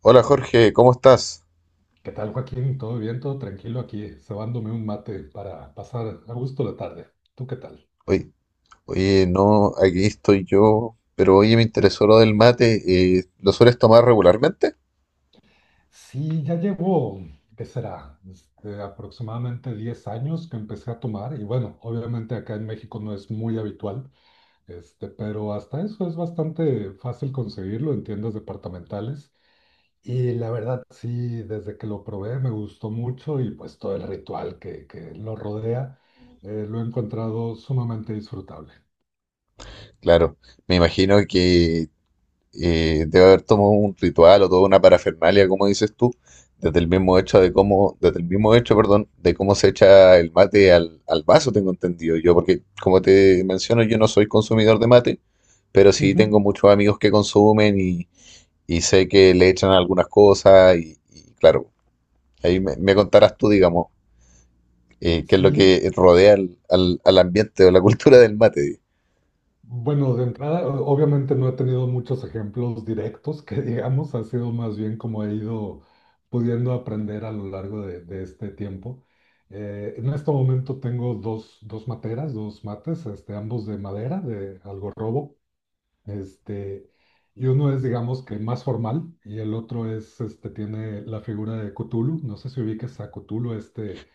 Hola Jorge, ¿cómo estás? ¿Qué tal, Joaquín? ¿Todo bien? ¿Todo tranquilo aquí? Cebándome un mate para pasar a gusto la tarde. ¿Tú qué tal? Oye, oye, no, aquí estoy yo, pero oye, me interesó lo del mate. ¿Lo sueles tomar regularmente? Sí, ya llevo, ¿qué será? Aproximadamente 10 años que empecé a tomar. Y bueno, obviamente acá en México no es muy habitual, pero hasta eso es bastante fácil conseguirlo en tiendas departamentales. Y la verdad, sí, desde que lo probé me gustó mucho, y pues todo el ritual que lo rodea lo he encontrado sumamente disfrutable. Claro, me imagino que debe haber tomado un ritual o toda una parafernalia, como dices tú, desde el mismo hecho de cómo, desde el mismo hecho, perdón, de cómo se echa el mate al vaso, tengo entendido yo, porque como te menciono, yo no soy consumidor de mate, pero sí Ujú. tengo muchos amigos que consumen y sé que le echan algunas cosas y claro. Ahí me contarás tú, digamos, qué es lo Sí, que rodea al, al ambiente o la cultura del mate. Di. bueno, de entrada, obviamente no he tenido muchos ejemplos directos que, digamos, ha sido más bien como he ido pudiendo aprender a lo largo de este tiempo. En este momento tengo dos materas, dos mates, ambos de madera, de algarrobo. este, y uno es, digamos, que más formal, y el otro es, tiene la figura de Cthulhu, no sé si ubiques a Cthulhu, este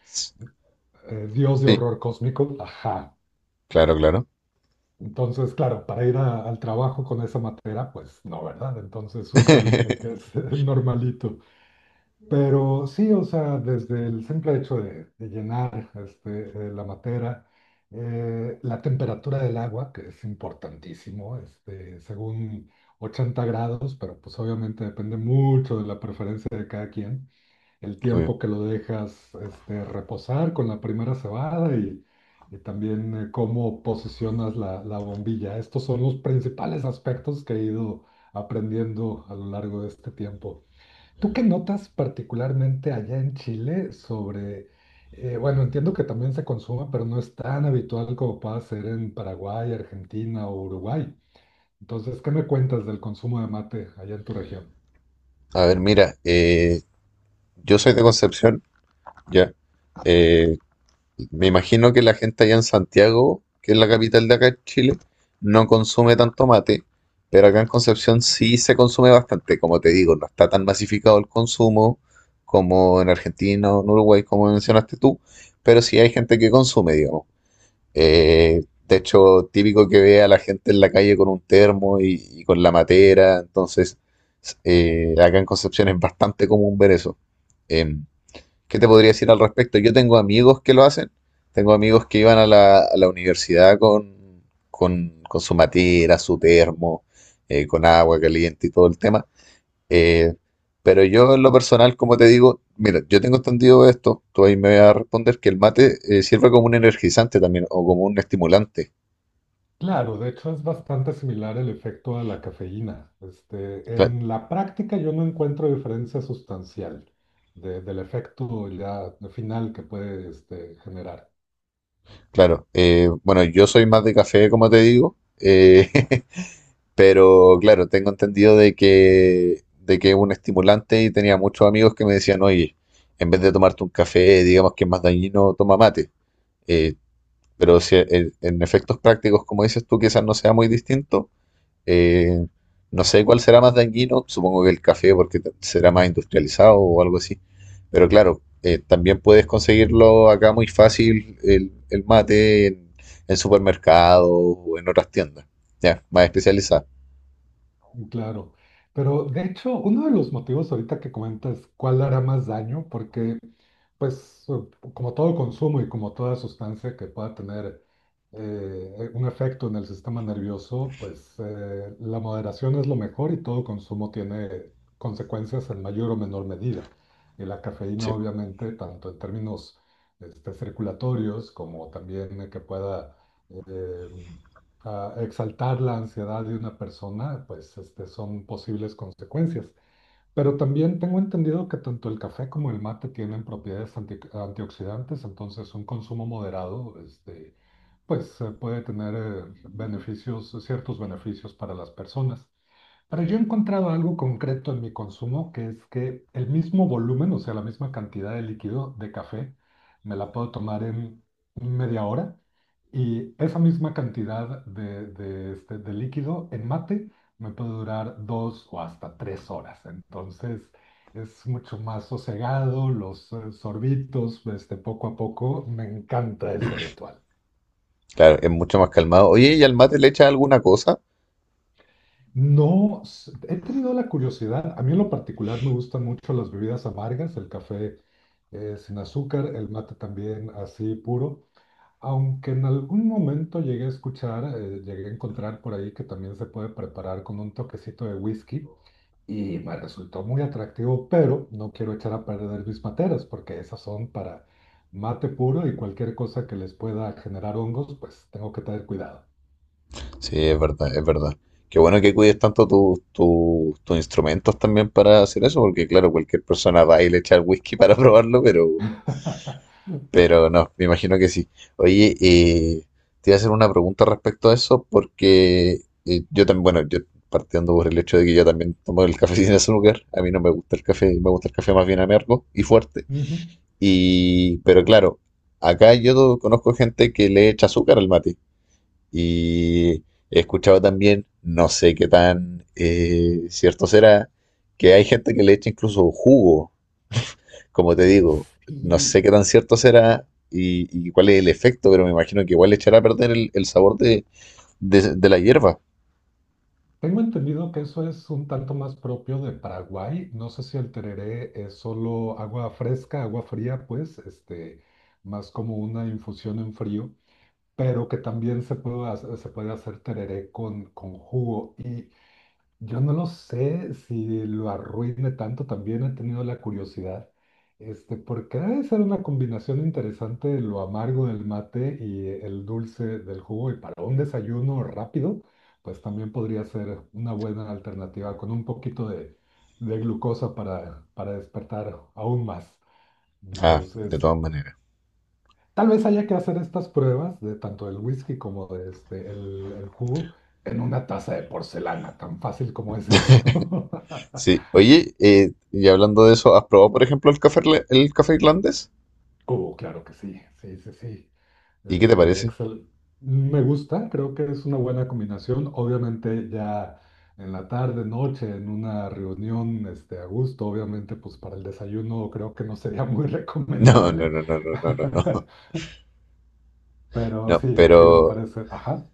eh, dios de Sí, horror cósmico, ajá. claro, claro. Entonces, claro, para ir al trabajo con esa materia, pues no, ¿verdad? Entonces uso el que es el normalito. Pero sí, o sea, desde el simple hecho de llenar la materia, la temperatura del agua, que es importantísimo, según 80 grados, pero pues obviamente depende mucho de la preferencia de cada quien, el Obvio. tiempo que lo dejas reposar con la primera cebada, y también cómo posicionas la, la bombilla. Estos son los principales aspectos que he ido aprendiendo a lo largo de este tiempo. ¿Tú qué notas particularmente allá en Chile sobre, bueno, entiendo que también se consuma, pero no es tan habitual como pueda ser en Paraguay, Argentina o Uruguay? Entonces, ¿qué me cuentas del consumo de mate allá en tu región? A ver, mira, yo soy de Concepción, ya. Eh, Me imagino que la gente allá en Santiago, que es la capital de acá en Chile, no consume tanto mate, pero acá en Concepción sí se consume bastante. Como te digo, no está tan masificado el consumo como en Argentina o en Uruguay, como mencionaste tú, pero sí hay gente que consume, digamos. Eh, de hecho, típico que vea a la gente en la calle con un termo y con la matera. Entonces, acá en Concepción es bastante común ver eso. Em, ¿Qué te podría decir al respecto? Yo tengo amigos que lo hacen. Tengo amigos que iban a la universidad con, con su matera, su termo, con agua caliente y todo el tema. Eh, pero yo en lo personal, como te digo, mira, yo tengo entendido esto, tú ahí me vas a responder que el mate sirve como un energizante también o como un estimulante. Claro, de hecho es bastante similar el efecto a la cafeína. Cla- En la práctica yo no encuentro diferencia sustancial del efecto ya final que puede generar. Claro, bueno, yo soy más de café, como te digo, pero claro, tengo entendido de que es un estimulante y tenía muchos amigos que me decían, oye, en vez de tomarte un café, digamos que es más dañino, toma mate. Eh, pero si, en efectos prácticos, como dices tú, quizás no sea muy distinto. Eh, no sé cuál será más dañino, supongo que el café porque será más industrializado o algo así. Pero claro, también puedes conseguirlo acá muy fácil el mate en supermercados o en otras tiendas, ya, más especializadas. Claro, pero de hecho uno de los motivos ahorita que comentas, cuál hará más daño, porque pues como todo consumo y como toda sustancia que pueda tener un efecto en el sistema nervioso, pues la moderación es lo mejor, y todo consumo tiene consecuencias en mayor o menor medida. Y la cafeína, Sí, obviamente, tanto en términos circulatorios como también que pueda eh, exaltar la ansiedad de una persona, pues son posibles consecuencias. Pero también tengo entendido que tanto el café como el mate tienen propiedades antioxidantes. Entonces un consumo moderado, pues puede tener beneficios, ciertos beneficios para las personas. Pero yo he encontrado algo concreto en mi consumo, que es que el mismo volumen, o sea, la misma cantidad de líquido de café, me la puedo tomar en media hora, y esa misma cantidad de, de líquido en mate me puede durar 2 o hasta 3 horas. Entonces es mucho más sosegado, los sorbitos, poco a poco. Me encanta ese ritual. claro, es mucho más calmado. Oye, ¿y al mate le echas alguna cosa? No, he tenido la curiosidad. A mí en lo particular me gustan mucho las bebidas amargas, el café sin azúcar, el mate también así puro. Aunque en algún momento llegué a escuchar, llegué a encontrar por ahí que también se puede preparar con un toquecito de whisky, y me resultó muy atractivo, pero no quiero echar a perder mis materas, porque esas son para mate puro, y cualquier cosa que les pueda generar hongos, pues tengo que tener cuidado. Sí, es verdad, es verdad. Qué bueno que cuides tanto tus instrumentos también para hacer eso, porque claro, cualquier persona va y le echa el whisky para probarlo, pero Pero no, me imagino que sí. Oye, te iba a hacer una pregunta respecto a eso porque yo también, bueno, yo partiendo por el hecho de que yo también tomo el café sin azúcar, a mí no me gusta el café, me gusta el café más bien amargo y fuerte. Ujú. Y, pero claro, acá yo conozco gente que le echa azúcar al mate y he escuchado también, no sé qué tan cierto será, que hay gente que le echa incluso jugo como te digo, no sé Sí, qué tan cierto será y cuál es el efecto, pero me imagino que igual le echará a perder el sabor de, de la hierba. tengo entendido que eso es un tanto más propio de Paraguay. No sé, si el tereré es solo agua fresca, agua fría, pues, más como una infusión en frío, pero que también se puede hacer tereré con jugo. Y yo no lo sé si lo arruine tanto. También he tenido la curiosidad, porque debe ser una combinación interesante de lo amargo del mate y el dulce del jugo, y para un desayuno rápido pues también podría ser una buena alternativa con un poquito de glucosa para despertar aún más. Ah, de todas Entonces, maneras. tal vez haya que hacer estas pruebas, de tanto del whisky como de el jugo, en una taza de porcelana, tan fácil como es eso. Sí, oye, y hablando de eso, ¿has probado, por ejemplo, el café, el café irlandés? Cubo, claro que sí, sí, sí, sí. ¿Y qué te Este, parece? excel- Me gusta, creo que es una buena combinación. Obviamente ya en la tarde, noche, en una reunión a gusto, obviamente pues para el desayuno creo que no sería muy No, no, recomendable. no, no, no, no, no, no. Pero No, sí, sí me pero parece. Ajá,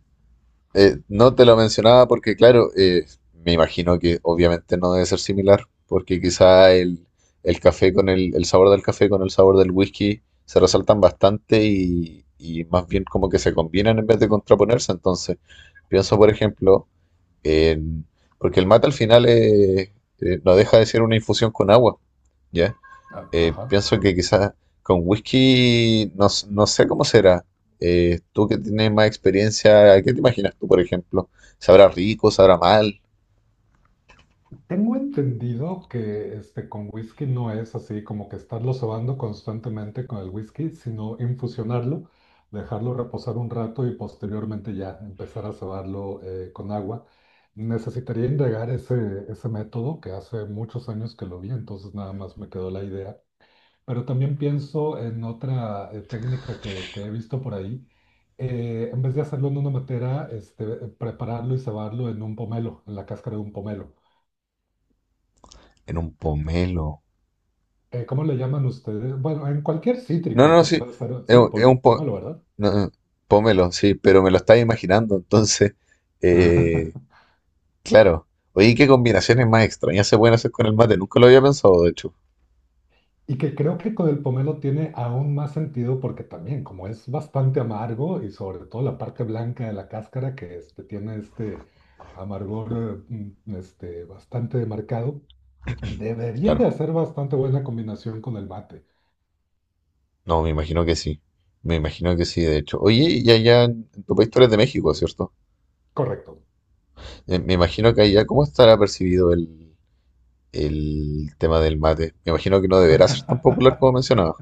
No te lo mencionaba porque, claro, me imagino que obviamente no debe ser similar, porque quizá el café con el sabor del café con el sabor del whisky se resaltan bastante y más bien como que se combinan en vez de contraponerse. Entonces, pienso, por ejemplo, en, porque el mate al final no deja de ser una infusión con agua, ¿ya? Ajá. Pienso que quizás con whisky no, no sé cómo será. Tú que tienes más experiencia, ¿qué te imaginas tú, por ejemplo? ¿Sabrá rico, sabrá mal? Tengo entendido que con whisky no es así como que estarlo sobando constantemente con el whisky, sino infusionarlo, dejarlo reposar un rato, y posteriormente ya empezar a cebarlo con agua. Necesitaría indagar ese, ese método, que hace muchos años que lo vi, entonces nada más me quedó la idea. Pero también pienso en otra técnica que he visto por ahí. En vez de hacerlo en una matera, prepararlo y cebarlo en un pomelo, en la cáscara de un pomelo. En un pomelo. ¿ ¿cómo le llaman ustedes? Bueno, en cualquier No, cítrico no, que sí, pueda ser, sí, es un pomelo, ¿verdad? no, no, pomelo, sí, pero me lo estaba imaginando, entonces, eh, claro. Oye, ¿qué combinaciones más extrañas se pueden hacer con el mate? Nunca lo había pensado, de hecho. Y que creo que con el pomelo tiene aún más sentido, porque también, como es bastante amargo, y sobre todo la parte blanca de la cáscara que tiene este amargor bastante marcado, debería de Claro, hacer bastante buena combinación con el mate. no, me imagino que sí. Me imagino que sí, de hecho. Oye, y allá en tu país tú eres de México, ¿cierto? Correcto. Me imagino que allá, ¿cómo estará percibido el tema del mate? Me imagino que no deberá ser tan popular como mencionaba.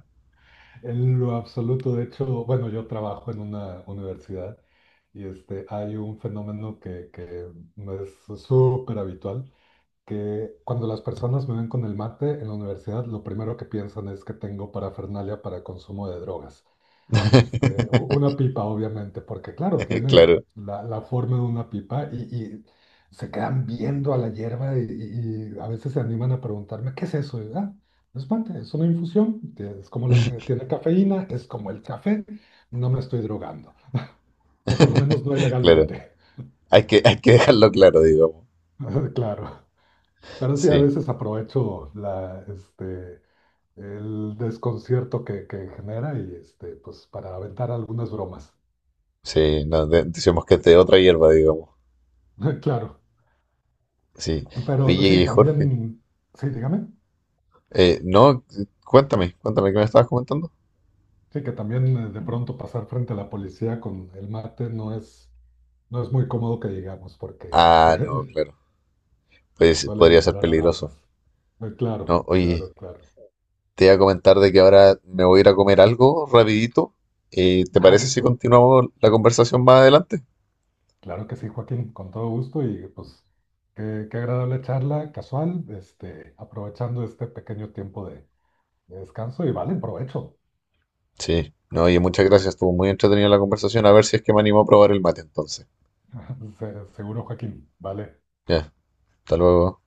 En lo absoluto. De hecho, bueno, yo trabajo en una universidad, y hay un fenómeno que no es súper habitual, que cuando las personas me ven con el mate en la universidad, lo primero que piensan es que tengo parafernalia para consumo de drogas. Una pipa, obviamente, porque claro, tiene Claro, la, la forma de una pipa, y se quedan viendo a la hierba, y a veces se animan a preguntarme, ¿qué es eso? Y, "Ah, no es mate, es una infusión, es como la que tiene cafeína, es como el café, no me estoy drogando, o por lo menos no claro. ilegalmente". Hay que dejarlo claro, digamos. Claro. Pero sí, a Sí, veces aprovecho el desconcierto que genera, y pues para aventar algunas bromas. sí, no, decimos que este es de otra hierba, digamos. Claro. Sí. Pero sí, Oye, Jorge, también, sí, dígame. No, cuéntame, cuéntame qué me estabas comentando. Sí, que también de pronto pasar frente a la policía con el mate no es muy cómodo que digamos, porque Ah, no, claro. Pues suele podría ser disparar peligroso. alarmas. No, Claro, oye, claro, claro. te iba a comentar de que ahora me voy a ir a comer algo rapidito. ¿Te Ah, parece si listo. continuamos la conversación más adelante? Claro que sí, Joaquín, con todo gusto, y pues qué agradable charla casual, aprovechando este pequeño tiempo de descanso, y vale, provecho. Sí, no, oye, muchas gracias. Estuvo muy entretenida la conversación. A ver si es que me animo a probar el mate entonces. Seguro, Joaquín, vale. Ya, hasta luego.